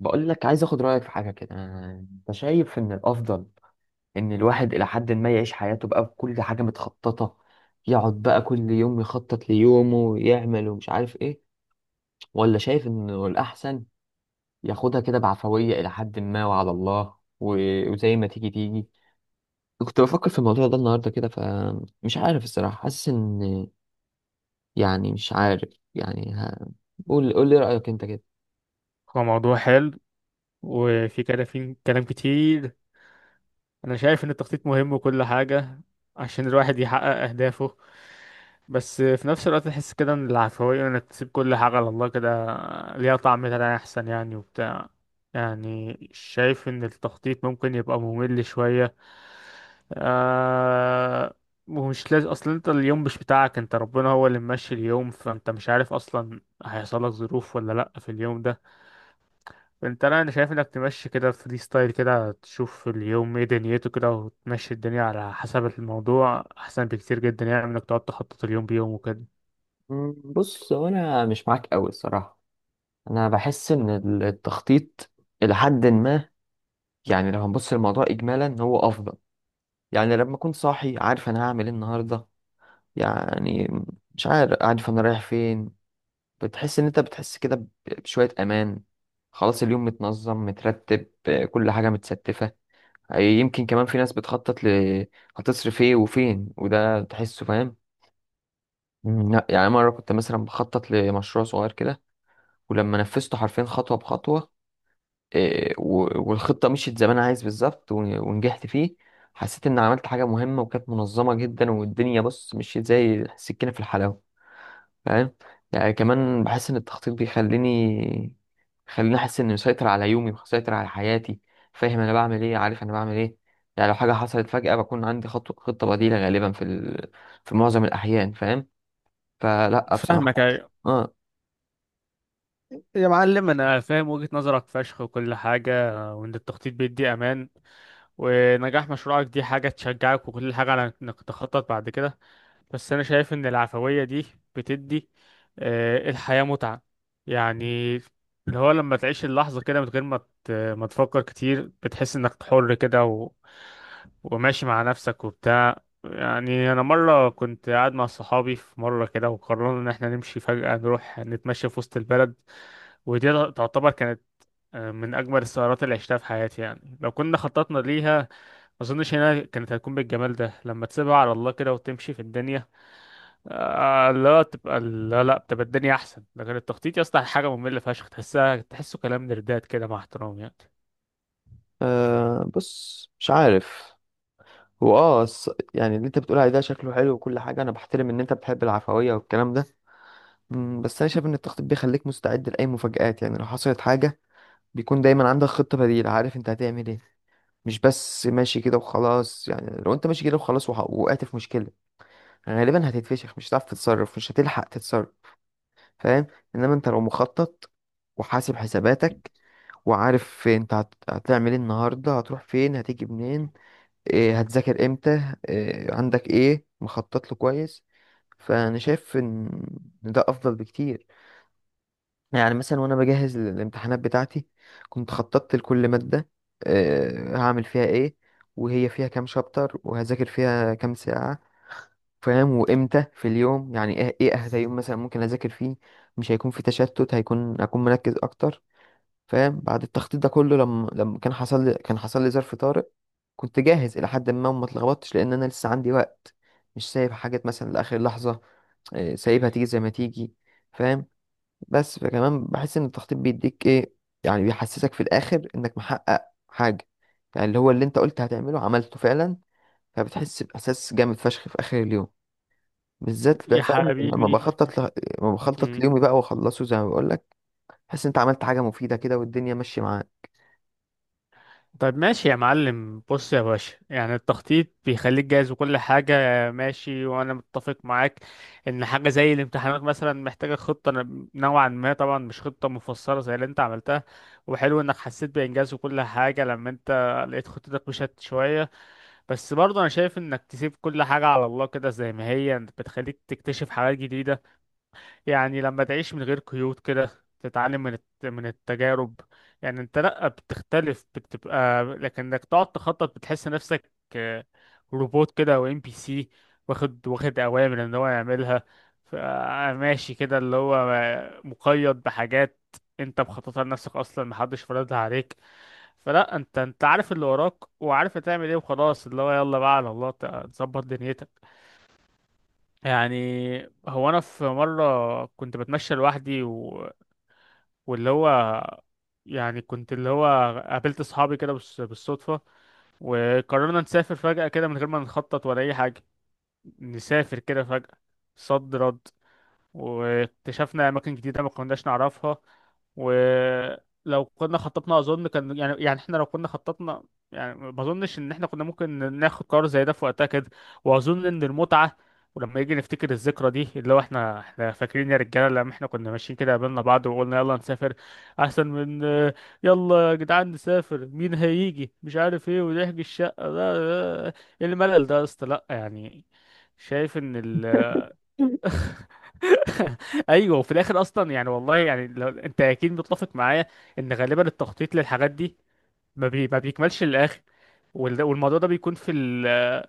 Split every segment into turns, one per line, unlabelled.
بقول لك عايز اخد رايك في حاجه كده. انت شايف ان الافضل ان الواحد الى حد ما يعيش حياته بقى بكل حاجه متخططه، يقعد بقى كل يوم يخطط ليومه ويعمل ومش عارف ايه؟ ولا شايف انه الاحسن ياخدها كده بعفويه الى حد ما وعلى الله، وزي ما تيجي تيجي؟ كنت بفكر في الموضوع ده النهارده كده، فمش عارف الصراحه، حاسس ان يعني مش عارف، يعني قول لي رايك انت كده.
هو موضوع حلو. وفي كلام في كلام كتير. انا شايف ان التخطيط مهم وكل حاجة عشان الواحد يحقق اهدافه. بس في نفس الوقت تحس كده ان العفوية، انك تسيب كل حاجة على الله كده، ليها طعم تاني احسن يعني وبتاع. يعني شايف ان التخطيط ممكن يبقى ممل شوية. آه، ومش لازم اصلا. انت اليوم مش بتاعك، انت ربنا هو اللي ممشي اليوم، فانت مش عارف اصلا هيحصل لك ظروف ولا لا في اليوم ده. انت لا، انا شايف انك تمشي كده فري ستايل كده، تشوف اليوم ايه دنيته كده وتمشي الدنيا على حسب الموضوع، احسن بكتير جدا يعني من انك تقعد تخطط اليوم بيوم وكده.
مم، بص هو انا مش معاك قوي الصراحه. انا بحس ان التخطيط الى حد ما، يعني لو هنبص للموضوع اجمالا هو افضل. يعني لما اكون صاحي عارف انا هعمل ايه النهارده، يعني مش عارف، عارف انا رايح فين، بتحس ان انت بتحس كده بشويه امان، خلاص اليوم متنظم مترتب، آه، كل حاجه متستفه. آه، يمكن كمان في ناس بتخطط هتصرف ايه وفين، وده تحسه فاهم. مم، لا يعني مره كنت مثلا بخطط لمشروع صغير كده، ولما نفذته حرفيا خطوه بخطوه، إيه، والخطة مشيت زي ما أنا عايز بالظبط، ون- ونجحت فيه. حسيت إن عملت حاجة مهمة وكانت منظمة جدا، والدنيا بص مشيت زي السكينة في الحلاوة، فاهم. يعني كمان بحس إن التخطيط بيخليني، خليني أحس إني مسيطر على يومي، مسيطر على حياتي، فاهم أنا بعمل إيه، عارف أنا بعمل إيه. يعني لو حاجة حصلت فجأة، بكون عندي خطة بديلة غالبا في في معظم الأحيان، فاهم، فلا
فاهمك،
بصراحة.
ايوه.
آه.
يا معلم انا فاهم وجهة نظرك فشخ وكل حاجة، وان التخطيط بيدي امان، ونجاح مشروعك دي حاجة تشجعك وكل حاجة على انك تخطط بعد كده. بس انا شايف ان العفوية دي بتدي آه، الحياة متعة يعني. اللي هو لما تعيش اللحظة كده من غير ما ما تفكر كتير، بتحس انك حر كده وماشي مع نفسك وبتاع. يعني انا مرة كنت قاعد مع صحابي في مرة كده، وقررنا ان احنا نمشي فجأة نروح نتمشى في وسط البلد. ودي تعتبر كانت آه، من اجمل السهرات اللي عشتها في حياتي. يعني لو كنا خططنا ليها ما اظنش هنا كانت هتكون بالجمال ده. لما تسيبها على الله كده وتمشي في الدنيا، آه لا تبقى لا بتبقى الدنيا احسن. لكن التخطيط يا اسطى حاجه ممله فشخ، تحسها كلام نردات كده، مع احترام يعني.
آه بص مش عارف، يعني اللي انت بتقول عليه ده شكله حلو وكل حاجه، انا بحترم ان انت بتحب العفويه والكلام ده. مم، بس انا شايف ان التخطيط بيخليك مستعد لاي مفاجآت، يعني لو حصلت حاجه بيكون دايما عندك خطه بديله، عارف انت هتعمل ايه، مش بس ماشي كده وخلاص. يعني لو انت ماشي كده وخلاص، وح- وقعت في مشكله، غالبا هتتفشخ، مش هتعرف تتصرف، مش هتلحق تتصرف، فاهم. انما انت لو مخطط وحاسب حساباتك، وعارف انت هتعمل ايه النهارده، هتروح فين، هتيجي منين، إيه، هتذاكر امتى، إيه عندك، ايه مخطط له كويس، فانا شايف إن ده افضل بكتير. يعني مثلا وانا بجهز للامتحانات بتاعتي، كنت خططت لكل مادة، إيه هعمل فيها ايه، وهي فيها كام شابتر، وهذاكر فيها كام ساعة، فاهم، وامتى في اليوم، يعني ايه ايه اهدى يوم مثلا ممكن اذاكر فيه، مش هيكون في تشتت، هيكون اكون مركز اكتر، فاهم. بعد التخطيط ده كله، لما كان حصل لي ظرف طارئ، كنت جاهز الى حد ما وما اتلخبطتش، لان انا لسه عندي وقت، مش سايب حاجات مثلا لاخر لحظه، آه، سايبها تيجي زي ما تيجي، فاهم. بس فكمان بحس ان التخطيط بيديك ايه، يعني بيحسسك في الاخر انك محقق حاجه، يعني اللي هو اللي انت قلت هتعمله عملته فعلا، فبتحس باحساس جامد فشخ في اخر اليوم، بالذات بقى
يا
فاهم. لما
حبيبي،
بخطط لما بخطط ليومي بقى واخلصه زي ما بقول لك، بحس إن انت عملت حاجه مفيده كده والدنيا ماشيه معاك.
طيب ماشي يا معلم. بص يا باشا، يعني التخطيط بيخليك جاهز وكل حاجة، ماشي وأنا متفق معاك إن حاجة زي الامتحانات مثلا محتاجة خطة نوعا ما طبعا، مش خطة مفصلة زي اللي أنت عملتها. وحلو إنك حسيت بإنجاز وكل حاجة لما أنت لقيت خطتك مشت شوية. بس برضه أنا شايف إنك تسيب كل حاجة على الله كده زي ما هي، بتخليك تكتشف حاجات جديدة. يعني لما تعيش من غير قيود كده تتعلم من من التجارب. يعني انت لا بتختلف، بتبقى لكنك تقعد تخطط، بتحس نفسك آه، روبوت كده او ام بي سي، واخد اوامر ان هو يعملها. ف- ماشي كده، اللي هو مقيد بحاجات انت مخططها لنفسك اصلا، محدش فرضها عليك. فلا، انت عارف اللي وراك وعارف هتعمل ايه وخلاص. اللي هو يلا بقى على الله تظبط دنيتك يعني. هو انا في مره كنت بتمشى لوحدي و... واللي هو يعني كنت اللي هو قابلت اصحابي كده بالصدفه، وقررنا نسافر فجاه كده من غير ما نخطط ولا اي حاجه. نسافر كده فجاه، صد رد، واكتشفنا اماكن جديده ما كناش نعرفها. ولو كنا خططنا اظن كان يعني، يعني احنا لو كنا خططنا يعني ما اظنش ان احنا كنا ممكن ناخد قرار زي ده في وقتها كده. واظن ان المتعه، ولما يجي نفتكر الذكرى دي اللي هو، احنا فاكرين يا رجاله لما احنا كنا ماشيين كده قابلنا بعض وقلنا يلا نسافر، احسن من آه، يلا يا جدعان نسافر، مين هيجي، مش عارف ايه، ونحجز الشقه، لا لا، ايه الملل ده يا اسطى، لا يعني. شايف ان ال ايوه. وفي الاخر اصلا يعني والله، يعني لو انت اكيد متفق معايا ان غالبا التخطيط للحاجات دي ما بيكملش للاخر. والموضوع ده بيكون في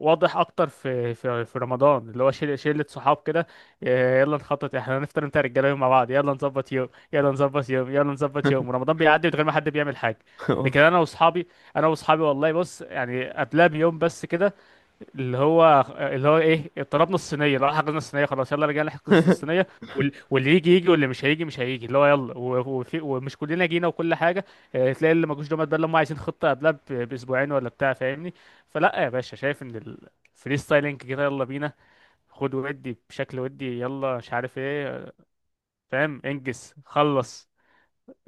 واضح اكتر في في رمضان. اللي هو شله صحاب كده، آه، يلا نخطط احنا هنفطر، انت رجاله يوم مع بعض، يلا نظبط يوم يلا نظبط يوم يلا نظبط يوم، ورمضان بيعدي من غير ما حد بيعمل حاجه. لكن انا واصحابي، انا واصحابي والله بص، يعني قبلها بيوم بس كده، اللي هو ايه، طلبنا الصينيه، لا حجزنا الصينيه، خلاص يلا رجعنا نحجز الصينيه. واللي يجي يجي، واللي مش هيجي مش هيجي. اللي هو يلا وفي، ومش كلنا جينا وكل حاجه. آه، تلاقي اللي مجوش دوت ده اللي هم عايزين خطه قبلها باسبوعين ولا بتاع، فاهمني. فلا يا باشا، شايف ان الفري ستايلينج كده يلا بينا، خد ودي بشكل ودي، يلا مش عارف ايه، آه، فاهم، انجز خلص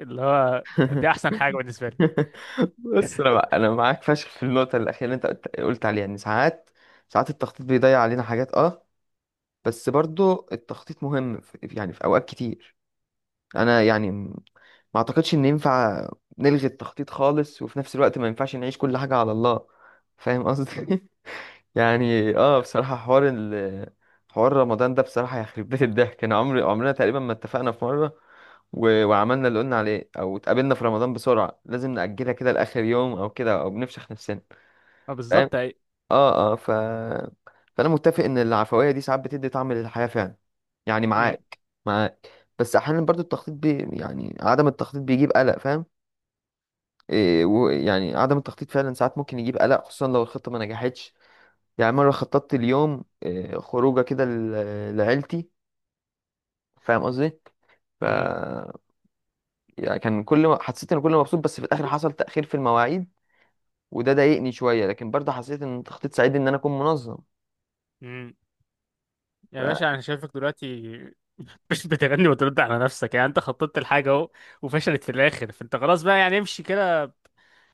اللي هو، دي احسن حاجه بالنسبه لي.
بس انا انا معاك فشخ في النقطه الاخيره اللي انت قلت عليها، ان ساعات، ساعات التخطيط بيضيع علينا حاجات اه. بس برضو التخطيط مهم في يعني في اوقات كتير. انا يعني ما اعتقدش ان ينفع نلغي التخطيط خالص، وفي نفس الوقت ما ينفعش نعيش كل حاجه على الله، فاهم قصدي. يعني اه بصراحه، حوار رمضان ده بصراحه يخرب بيت الضحك. انا عمرنا تقريبا ما اتفقنا في مره، وعملنا اللي قلنا عليه، او اتقابلنا في رمضان بسرعه، لازم نأجلها كده لاخر يوم او كده، او بنفشخ نفسنا،
ما
فاهم.
بالظبط أي-
اه اه ف فانا متفق ان العفويه دي ساعات بتدي طعم للحياه فعلا، يعني
م-
معاك، معاك. بس احيانا برضو يعني عدم التخطيط بيجيب قلق، فاهم، إيه، يعني عدم التخطيط فعلا ساعات ممكن يجيب قلق، خصوصا لو الخطه ما نجحتش. يعني مره خططت اليوم إيه خروجه كده لعيلتي، فاهم قصدي، ف
م-
يعني كان كل ما حسيت ان كل ما مبسوط، بس في الاخر حصل تاخير في المواعيد، وده ضايقني شويه، لكن برضه حسيت ان التخطيط ساعدني ان انا اكون منظم.
م. يا
ف...
باشا انا شايفك دلوقتي مش بتغني وترد على نفسك. يعني انت خططت الحاجة اهو، وفشلت في الاخر، فانت خلاص بقى يعني امشي كده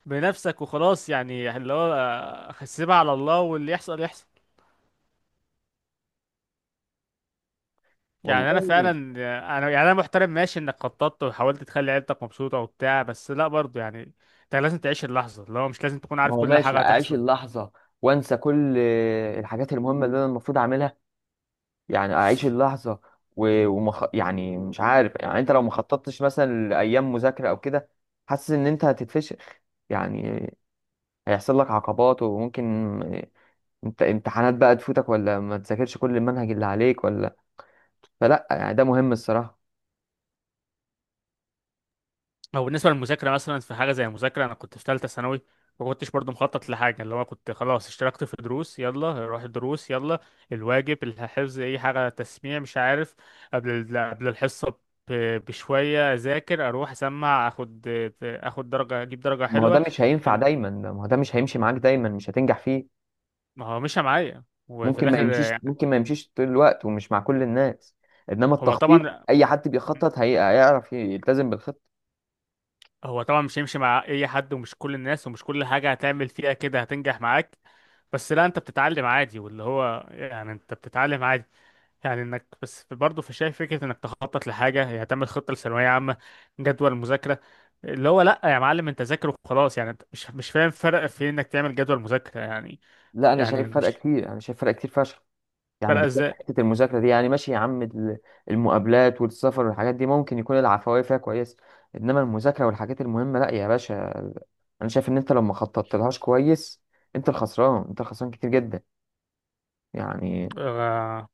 بنفسك وخلاص. يعني اللي هو آه، سيبها على الله واللي يحصل يحصل. يعني انا
والله
فعلا، انا يعني انا محترم ماشي، انك خططت وحاولت تخلي عيلتك مبسوطة وبتاع، بس لا برضه يعني انت لازم تعيش اللحظة. اللي هو مش لازم تكون
ما
عارف
هو
كل
ماشي،
حاجة
اعيش
هتحصل.
اللحظه وانسى كل الحاجات المهمه اللي انا المفروض اعملها، يعني اعيش اللحظه، يعني مش عارف. يعني انت لو ما خططتش مثلا لايام مذاكره او كده، حاسس ان انت هتتفشخ، يعني هيحصل لك عقبات، وممكن انت امتحانات بقى تفوتك، ولا ما تذاكرش كل المنهج اللي عليك، ولا، فلا يعني ده مهم الصراحه.
هو بالنسبة للمذاكرة مثلا، في حاجة زي المذاكرة أنا كنت في تالتة ثانوي، ما كنتش برضه مخطط لحاجة. اللي هو كنت خلاص اشتركت في دروس، يلا روح الدروس يلا، الواجب الحفظ أي حاجة تسميع مش عارف، قبل قبل الحصة بشوية أذاكر، أروح أسمع، أخد درجة، أجيب درجة
ما هو ده
حلوة.
مش هينفع دايما، ما هو ده مش هيمشي معاك دايما، مش هتنجح فيه،
ما هو مشى معايا وفي
ممكن ما
الآخر
يمشيش،
يعني.
ممكن ما يمشيش طول الوقت ومش مع كل الناس. انما
هو
التخطيط،
طبعا
اي حد بيخطط هيعرف يلتزم بالخطه.
هو طبعا مش هيمشي مع اي حد ومش كل الناس ومش كل حاجة هتعمل فيها كده هتنجح معاك. بس لا انت بتتعلم عادي، واللي هو يعني انت بتتعلم عادي. يعني انك بس برضه في شايف فكرة انك تخطط لحاجة، يعني تعمل خطة لثانوية عامة، جدول مذاكرة. اللي هو لا يا معلم، انت ذاكر وخلاص. يعني انت مش فاهم فرق في انك تعمل جدول مذاكرة يعني.
لا انا
يعني
شايف فرق
مش
كتير، انا شايف فرق كتير فشخ، يعني
فرق
بالذات في
ازاي؟
حته المذاكره دي، يعني ماشي يا عم المقابلات والسفر والحاجات دي ممكن يكون العفويه فيها كويس، انما المذاكره والحاجات المهمه، لا يا باشا. انا شايف ان انت لو ما خططتلهاش كويس، انت الخسران، انت الخسران كتير جدا يعني.
آه،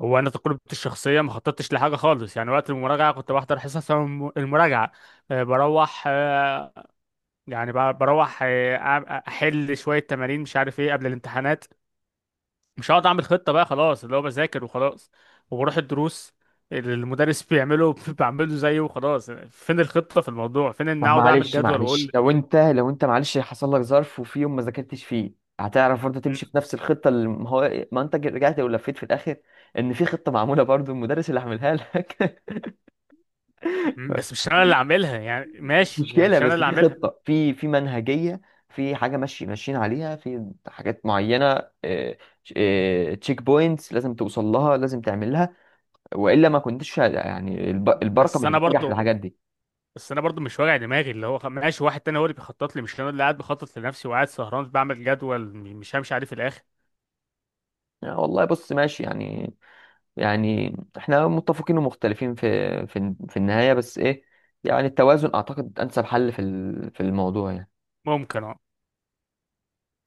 هو انا تجربتي الشخصية ما خططتش لحاجة خالص يعني. وقت المراجعة كنت بحضر حصص المراجعة، آه، بروح آه، يعني بروح آه، احل شويه تمارين مش عارف ايه قبل الامتحانات. مش هقعد اعمل خطه بقى خلاص، اللي هو بذاكر وخلاص، وبروح الدروس اللي المدرس بيعمله بعمله زيه وخلاص. فين الخطه في الموضوع؟ فين ان
طب
اقعد اعمل
معلش
جدول
معلش
واقول
لو انت معلش حصل لك ظرف وفي يوم ما ذاكرتش فيه، هتعرف برضه
م-
تمشي في نفس الخطه، اللي ما هو إيه، ما انت رجعت ولفيت في الاخر ان في خطه معموله، برضه المدرس اللي عاملها لك.
بس مش انا اللي عاملها يعني،
مش
ماشي يعني
مشكله،
مش انا
بس
اللي
في
عاملها.
خطه، في منهجيه، في حاجه ماشي ماشيين عليها، في حاجات معينه، تشيك بوينتس لازم توصل لها، لازم تعملها، والا ما كنتش يعني البركه
بس
مش
انا
بتنجح في
برضو
الحاجات دي.
بس انا برضو مش واجع دماغي، اللي هو ماشي واحد تاني هو اللي بيخطط لي، مش انا اللي قاعد بخطط لنفسي وقاعد سهران بعمل جدول مش همشي عليه في الاخر.
آه والله بص ماشي يعني، يعني احنا متفقين ومختلفين في النهاية، بس ايه، يعني التوازن اعتقد انسب حل في في الموضوع يعني.
ممكن اه.